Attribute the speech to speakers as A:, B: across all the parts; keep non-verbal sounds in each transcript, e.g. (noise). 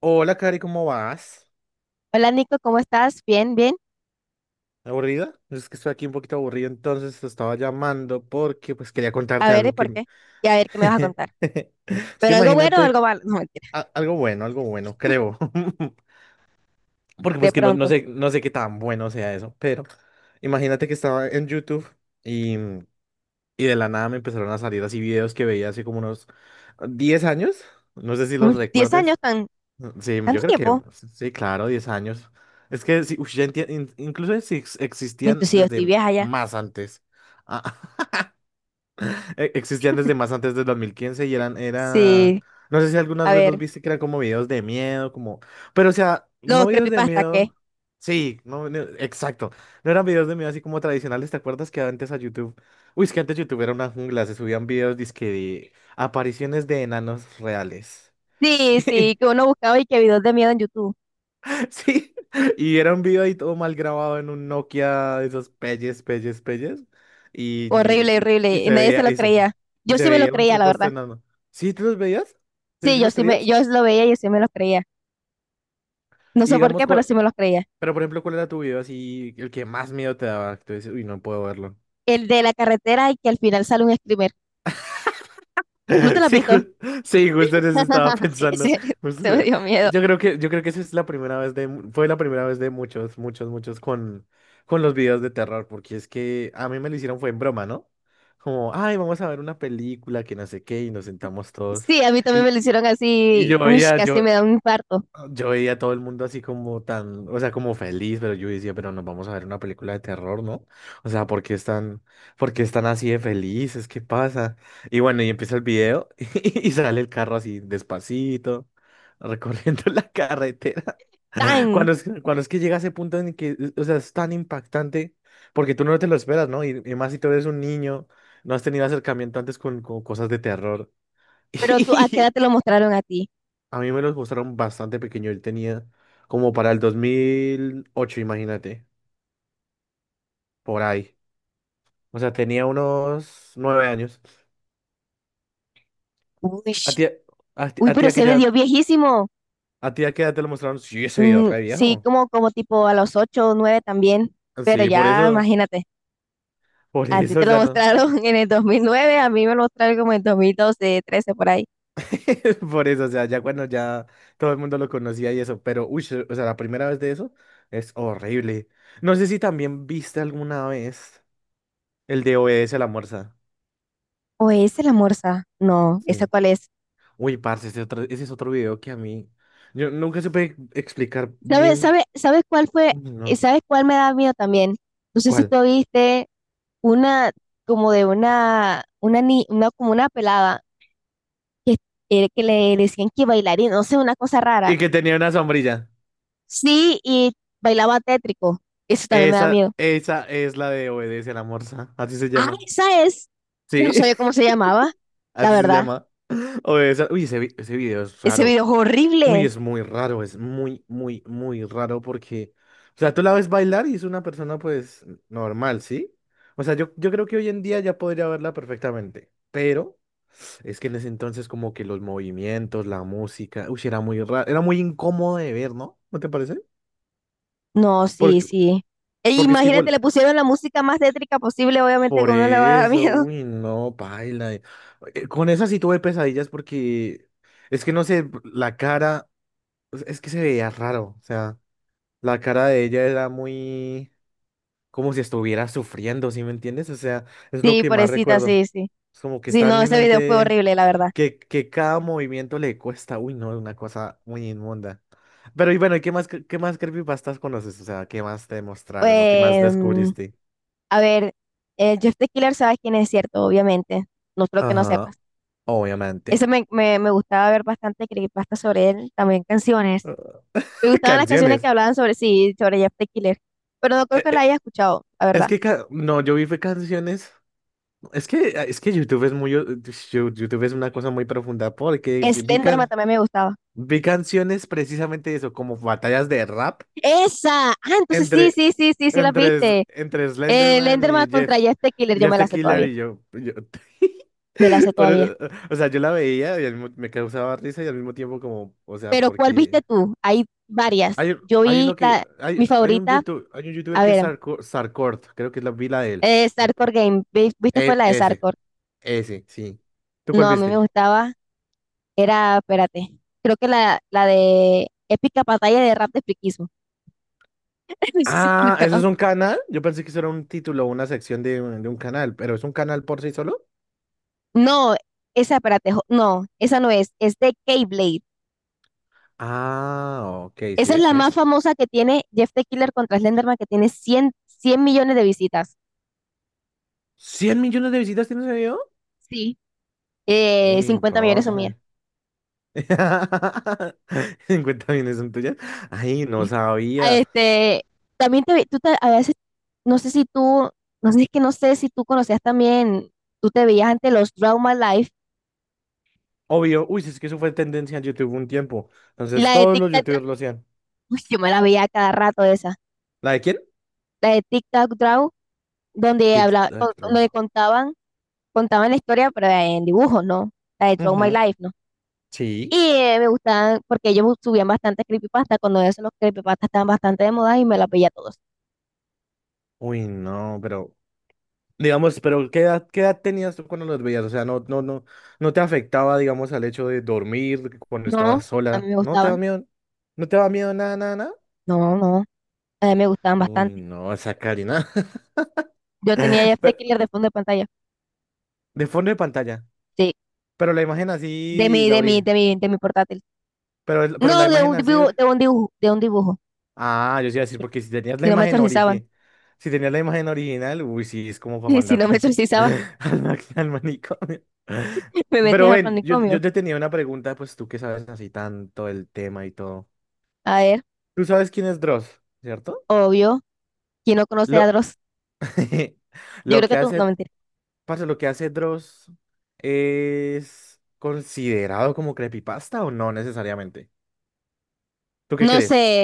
A: Hola, Cari, ¿cómo vas?
B: Hola Nico, ¿cómo estás? Bien, bien.
A: ¿Aburrida? Es que estoy aquí un poquito aburrido, entonces te estaba llamando porque pues quería
B: A
A: contarte
B: ver, ¿y
A: algo
B: por
A: que.
B: qué? Y a ver qué me vas a
A: (laughs)
B: contar.
A: Es que
B: ¿Pero algo bueno o
A: imagínate
B: algo malo? (laughs) No, mentira.
A: algo bueno, creo. (laughs) Porque
B: De
A: pues que no, no
B: pronto.
A: sé, no sé qué tan bueno sea eso, pero imagínate que estaba en YouTube y, mm, y de la nada me empezaron a salir así videos que veía hace como unos 10 años, no sé si los
B: Uy, 10 años,
A: recuerdes.
B: tan,
A: Sí, yo
B: tanto
A: creo que
B: tiempo.
A: sí, claro, 10 años. Es que sí, ya incluso si
B: Bueno,
A: existían
B: sí, yo estoy
A: desde
B: vieja ya.
A: más antes. Ah, (laughs) existían desde más antes del 2015 y era,
B: Sí.
A: no sé si algunas
B: A
A: veces los
B: ver,
A: viste que eran como videos de miedo, como, pero o sea,
B: los
A: no videos de
B: creepypasta, ¿qué?
A: miedo. Sí, no, no, exacto. No eran videos de miedo así como tradicionales. ¿Te acuerdas que antes a YouTube? Uy, es que antes YouTube era una jungla, se subían videos dizque de apariciones de enanos reales.
B: Sí,
A: (laughs)
B: sí, que uno buscaba y que videos de miedo en YouTube.
A: Sí, (laughs) y era un video ahí todo mal grabado en un Nokia de esos pelles, pelles, pelles. Y,
B: Horrible,
A: y- y
B: horrible. Y
A: se
B: nadie se
A: veía,
B: lo
A: y se,
B: creía.
A: y
B: Yo
A: se
B: sí me lo
A: veía un
B: creía, la
A: supuesto
B: verdad.
A: enano. ¿Sí te los veías? ¿Sí
B: Sí,
A: sí
B: yo
A: los
B: sí me,
A: creías?
B: yo lo veía y yo sí me los creía. No
A: Y
B: sé por qué,
A: digamos,
B: pero sí me los creía.
A: pero por ejemplo, ¿cuál era tu video así, el que más miedo te daba? Que tú dices, uy, no puedo verlo.
B: El de la carretera y que al final sale un screamer. ¿No te
A: (laughs)
B: lo has
A: Sí,
B: visto?
A: sí, justo en eso estaba
B: (laughs)
A: pensando.
B: Ese, se
A: justo-
B: me
A: eh,
B: dio miedo.
A: yo creo que esa es la primera vez de, mu- fue la primera vez de muchos, muchos, muchos con los videos de terror, porque es que a mí me lo hicieron fue en broma, ¿no? Como, ay, vamos a ver una película que no sé qué, y nos sentamos todos.
B: Sí, a mí también me
A: Y,
B: lo hicieron
A: y
B: así,
A: yo
B: uy,
A: veía,
B: casi
A: yo,
B: me da un infarto.
A: yo veía a todo el mundo así como tan, o sea, como feliz, pero yo decía, pero nos vamos a ver una película de terror, ¿no? O sea, ¿por qué están así de felices? ¿Qué pasa? Y bueno, y empieza el video (laughs) y sale el carro así despacito, (laughs) recorriendo la carretera. (laughs)
B: ¡Tan!
A: Cuando es que llega ese punto en que, o sea, es tan impactante, porque tú no te lo esperas, ¿no? Y más si tú eres un niño, no has tenido acercamiento antes con cosas de terror.
B: Pero
A: (laughs)
B: tú, ¿a qué edad te lo mostraron a ti?
A: A mí me los mostraron bastante pequeño. Él tenía como para el 2008, imagínate, por ahí. O sea, tenía unos 9 años.
B: Uy,
A: ¿A ti,
B: uy,
A: a ti
B: pero
A: a qué
B: se me
A: edad,
B: dio viejísimo.
A: a ti a qué edad te lo mostraron? Sí, ese video re
B: Sí,
A: viejo.
B: como, como tipo a los 8, o 9 también. Pero
A: Sí, por
B: ya,
A: eso,
B: imagínate,
A: por
B: a ti
A: eso
B: te lo
A: ya no.
B: mostraron (laughs) en el 2009, a mí me lo mostraron como en 2012, 13, por ahí.
A: (laughs) Por eso, o sea, ya cuando ya todo el mundo lo conocía y eso. Pero, uy, o sea, la primera vez de eso es horrible. No sé si también viste alguna vez el de OBS a la Morsa.
B: ¿O es el Amorza? No, ¿esa
A: Sí.
B: cuál es?
A: Uy, parce, ese es otro video que a mí. Yo nunca supe explicar
B: ¿Sabes,
A: bien.
B: sabe, sabes cuál fue?
A: Uy, no.
B: ¿Sabes cuál me da miedo también? No sé si
A: ¿Cuál?
B: tú viste una como de una, ni- una como una pelada que, que le decían que bailaría, no sé, una cosa rara.
A: Y que tenía una sombrilla.
B: Sí, y bailaba tétrico. Eso también me da
A: Esa,
B: miedo.
A: esa es la de Obedece a la Morsa. Así se
B: Ah,
A: llama.
B: esa es. Yo no
A: Sí,
B: sabía cómo se llamaba,
A: (laughs)
B: la
A: así se
B: verdad.
A: llama. Obedece. Uy, ese video es
B: Ese
A: raro.
B: video es
A: Uy,
B: horrible.
A: es muy raro. Es muy, muy, muy raro. Porque. O sea, tú la ves bailar y es una persona, pues, normal, ¿sí? O sea, yo creo que hoy en día ya podría verla perfectamente. Pero. Es que en ese entonces como que los movimientos, la música, uy, era muy raro, era muy incómodo de ver, ¿no? ¿No te parece?
B: No, sí,
A: Porque,
B: sí. E
A: porque es que
B: imagínate,
A: igual,
B: le pusieron la música más tétrica posible, obviamente que
A: por
B: uno le va a dar
A: eso,
B: miedo. (laughs)
A: uy, no, paila. Con esa sí tuve pesadillas, porque es que no sé, la cara, o sea, es que se veía raro, o sea, la cara de ella era muy como si estuviera sufriendo, ¿sí me entiendes? O sea, es lo
B: Sí,
A: que más
B: pobrecita,
A: recuerdo.
B: sí, sí.
A: Es como que
B: Sí,
A: está en
B: no,
A: mi
B: ese video fue
A: mente
B: horrible, la verdad.
A: que cada movimiento le cuesta, uy, no, una cosa muy inmunda. Pero y bueno, ¿y qué más, qué más creepypastas conoces? O sea, ¿qué más te mostraron o qué más
B: Pues,
A: descubriste?
B: a ver, Jeff the Killer, sabes quién es cierto, obviamente. No creo que no
A: Ajá,
B: sepas. Ese
A: obviamente.
B: me, me, me gustaba ver bastante creepypasta sobre él, también canciones. Me
A: (laughs)
B: gustaban las canciones que
A: Canciones.
B: hablaban sobre sí, sobre Jeff the Killer. Pero no creo
A: Eh,
B: que la
A: eh,
B: haya escuchado, la
A: es
B: verdad.
A: que, no, yo vi fue canciones. Es que, es que YouTube es una cosa muy profunda porque
B: Slenderman también me gustaba.
A: vi canciones precisamente de eso, como batallas de rap.
B: ¡Esa! Ah, entonces sí,
A: Entre,
B: sí, sí, sí, sí, las
A: entre, S-
B: viste.
A: entre Slenderman
B: Slenderman
A: y
B: contra
A: Jeff.
B: Jeff the Killer, yo
A: Jeff
B: me
A: the
B: la sé
A: Killer
B: todavía.
A: y yo.
B: Me la sé
A: (laughs) Por
B: todavía.
A: eso- o sea, yo la veía y me causaba risa y al mismo tiempo como, o sea,
B: Pero ¿cuál viste
A: porque.
B: tú? Hay varias. Yo
A: Hay
B: vi
A: uno que.
B: mi favorita,
A: Hay un youtuber
B: a
A: que es
B: ver,
A: Sarkort, creo que es la vila de él.
B: Sarkor Game. ¿Viste? Fue
A: Eh,
B: la de
A: ese,
B: Sarkor.
A: ese, sí. ¿Tú
B: No,
A: cuál
B: a mí me
A: viste?
B: gustaba, era, espérate, creo que la de Épica Batalla de Rap de Friquismo. (laughs) Sí, la
A: Ah, ¿eso es
B: conozco.
A: un canal? Yo pensé que eso era un título o una sección de un canal, pero ¿es un canal por sí solo?
B: No, esa, espérate, no, esa no es, es de K-Blade.
A: Ah, ok, sí
B: Esa es
A: es,
B: la
A: sí
B: más
A: es.
B: famosa que tiene Jeff the Killer contra Slenderman, que tiene cien millones de visitas.
A: ¿100 millones de visitas tiene ese video?
B: Sí.
A: Uy,
B: 50 millones son mías.
A: parce. (laughs) 50 millones son tuyas. Ay, no
B: Sí. Ah,
A: sabía.
B: También te, vi- tú te- a veces, no sé si tú, no sé, es que no sé si tú conocías también, tú te veías ante los Trauma Life,
A: Obvio, uy, si es que eso fue tendencia en YouTube un tiempo. Entonces
B: la de
A: todos
B: Tic
A: los YouTubers lo hacían.
B: Uy, yo me la veía cada rato esa.
A: ¿La de quién?
B: La de TikTok Draw,
A: TikTok, bro.
B: donde contaban, contaban la historia, pero en dibujos, ¿no? La de Draw My
A: Ujú,
B: Life, ¿no? Y
A: sí.
B: me gustaban, porque ellos subían bastante creepypasta, cuando eso los creepypastas estaban bastante de moda y me las veía todos.
A: Uy, no, pero. Digamos, pero ¿qué edad tenías tú cuando los veías? O sea, no te afectaba, digamos, al hecho de dormir cuando
B: No,
A: estabas
B: a mí
A: sola.
B: me
A: ¿No te da
B: gustaban.
A: miedo? ¿No te da miedo nada, nada, nada?
B: No, no, a mí me gustaban
A: Uy,
B: bastante.
A: no, esa Karina.
B: Yo tenía ya este
A: (laughs)
B: Killer de fondo de pantalla.
A: De fondo de pantalla.
B: Sí,
A: Pero la imagen
B: de
A: así,
B: mi,
A: la
B: de mi,
A: origen.
B: de mi, de mi portátil.
A: Pero la
B: No, de
A: imagen
B: un
A: así.
B: dibujo, de un dibujo, de un dibujo.
A: Ah, yo sí iba a decir, porque si tenías
B: Si
A: la
B: no me
A: imagen
B: exorcizaban,
A: origen. Si tenías la imagen original, uy, sí, es como para
B: (laughs) si no me
A: mandarte
B: exorcizaban,
A: (laughs) al manicomio.
B: (laughs) me
A: Pero
B: metían al
A: ven, yo,
B: manicomio.
A: yo te tenía una pregunta, pues tú que sabes así tanto el tema y todo.
B: A ver.
A: Tú sabes quién es Dross, ¿cierto?
B: Obvio, ¿quién no conoce a
A: Lo,
B: Dross?
A: (laughs)
B: Yo
A: lo
B: creo que
A: que
B: tú, no
A: hace,
B: mentira.
A: parce, lo que hace Dross es considerado como creepypasta o no necesariamente. ¿Tú qué
B: No sé,
A: crees?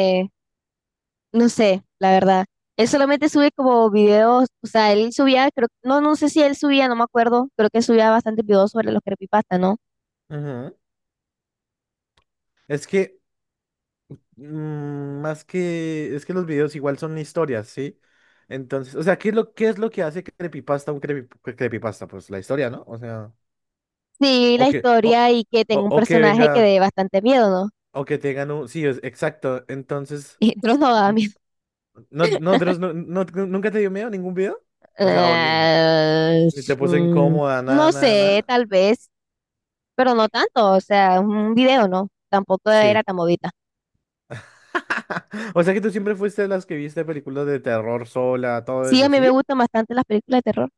B: no sé, la verdad. Él solamente sube como videos, o sea, él subía, creo, no, no sé si él subía, no me acuerdo, creo que subía bastantes videos sobre los creepypasta, ¿no?
A: Ujú. Es que, mm, más que, es que los videos igual son historias, ¿sí? Entonces, o sea, ¿qué es lo que hace creepypasta un creepypasta? Pues la historia, ¿no? O sea,
B: Sí,
A: o
B: la
A: que, o,
B: historia y que tenga un
A: o que
B: personaje que
A: venga,
B: dé bastante miedo, ¿no? (laughs)
A: o que tengan un, sí, es, exacto. Entonces,
B: Y Dross no da miedo.
A: no, no, Dross, ¿nunca te dio miedo ningún video? O sea, o ni, ni
B: Eh,
A: te puso
B: mm,
A: incómoda, nada,
B: no
A: nada,
B: sé,
A: nada.
B: tal vez, pero no tanto, o sea, un video, ¿no? Tampoco era
A: Sí.
B: tan movida.
A: (laughs) O sea que tú siempre fuiste de las que viste películas de terror sola, todo
B: Sí, a
A: eso,
B: mí me
A: ¿sí?
B: gustan bastante las películas de terror.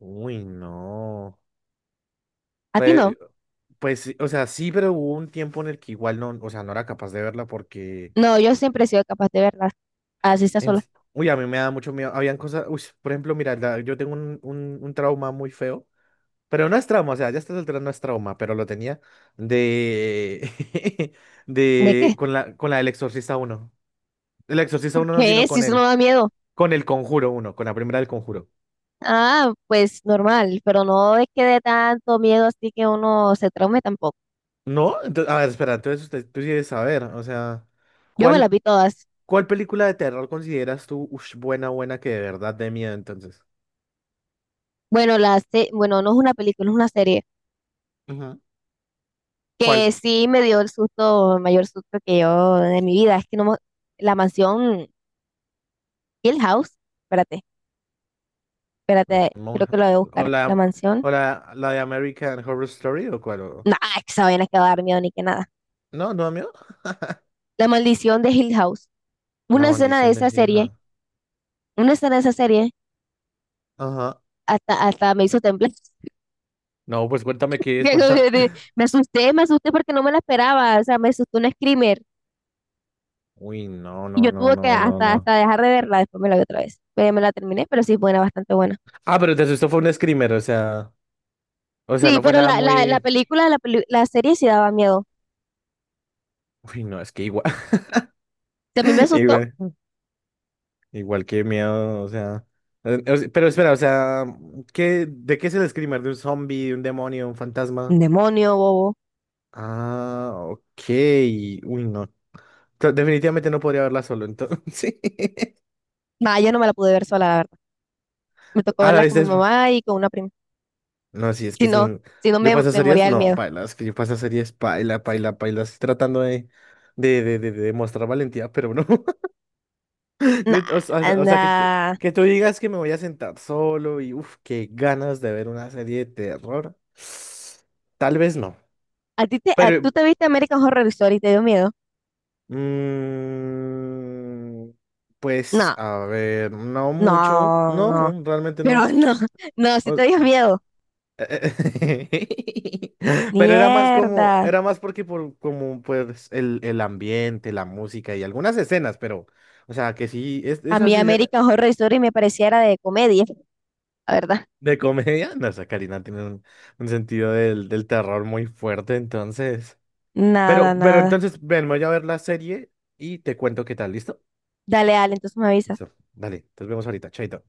A: Uy, no.
B: ¿A ti no?
A: Pe- pues, sí, o sea, sí, pero hubo un tiempo en el que igual no, o sea, no era capaz de verla porque,
B: No, yo siempre he sido capaz de verlas, así está
A: en-
B: sola.
A: uy, a mí me da mucho miedo. Habían cosas, uy, por ejemplo, mira, yo tengo un trauma muy feo, pero no es trauma, o sea, ya estás alterando, no es trauma, pero lo tenía de, (laughs)
B: ¿De qué?
A: con la del Exorcista uno. El
B: (laughs)
A: Exorcista
B: ¿Por
A: uno no,
B: qué?
A: sino
B: Si
A: con
B: eso no
A: el,
B: da miedo.
A: con el Conjuro uno, con la primera del Conjuro.
B: Ah, pues normal, pero no es que dé tanto miedo así que uno se traume tampoco.
A: ¿No? Entonces, a ver, espera, entonces tú quieres saber, o sea,
B: Yo me las
A: ¿cuál?
B: vi todas.
A: ¿Cuál película de terror consideras tú buena, buena, que de verdad de miedo entonces?
B: Bueno, no es una película, es una serie
A: Ujú.
B: que
A: ¿Cuál?
B: sí me dio el susto, el mayor susto que yo de mi vida. Es que no me- La mansión Hill House, espérate,
A: La
B: espérate, creo
A: monja.
B: que lo voy a
A: ¿O
B: buscar. La
A: la,
B: mansión,
A: o la de American Horror Story o cuál?
B: nah, es que esa vaina que va a dar miedo ni que nada.
A: No, no, amigo.
B: La maldición de Hill House.
A: La
B: Una escena de
A: maldición de
B: esa serie,
A: hija.
B: una escena de esa serie
A: Ajá.
B: hasta me hizo temblar.
A: No, pues cuéntame
B: (laughs)
A: qué es, para. (laughs)
B: Me asusté porque no me la esperaba, o sea, me asustó un screamer
A: Uy, no,
B: y
A: no,
B: yo
A: no,
B: tuve que
A: no, no, no.
B: hasta dejar de verla, después me la vi otra vez, pero me la terminé, pero sí, es buena, bastante buena.
A: Ah, pero te asustó fue un screamer, o sea. O sea,
B: Sí,
A: no fue
B: pero
A: nada
B: la
A: muy.
B: película, la serie sí daba miedo.
A: Uy, no, es que igual.
B: También me asustó,
A: (laughs) Igual que miedo, o sea. O sea, pero espera, o sea, de qué es el screamer? ¿De un zombie, de un demonio, un
B: un
A: fantasma?
B: demonio, bobo.
A: Ah, ok. Uy, no. Definitivamente no podría verla solo, entonces. (laughs)
B: Nah, yo no me la pude ver sola, la verdad. Me tocó
A: Ah, la
B: verla con
A: viste
B: mi
A: después.
B: mamá y con una prima.
A: No, sí, es que
B: Si
A: es
B: no,
A: un. Yo paso
B: me moría
A: series,
B: del
A: no,
B: miedo.
A: paila, es que yo paso series, paila, paila, paila. Estoy tratando de mostrar valentía, pero no. (laughs)
B: Nah,
A: O sea,
B: nah.
A: que tú digas que me voy a sentar solo y uff, qué ganas de ver una serie de terror. Tal vez no.
B: ¿A ti te, tú
A: Pero,
B: te viste American Horror Story y te dio miedo?
A: mm, pues,
B: No,
A: a ver, no mucho.
B: no, no.
A: No, realmente no.
B: Pero no, no, sí te dio
A: O-
B: miedo.
A: (laughs) Pero era más como,
B: Mierda.
A: era más porque por como pues el ambiente, la música y algunas escenas, pero, o sea, que sí, es,
B: A
A: esas.
B: mí American Horror Story me pareciera de comedia, la verdad.
A: De comedia, no sé, Karina tiene un sentido del terror muy fuerte, entonces.
B: Nada,
A: Pero
B: nada.
A: entonces, ven, voy a ver la serie y te cuento qué tal, ¿listo?
B: Dale, Ale, entonces me avisas.
A: Listo, dale, nos vemos ahorita, chaito.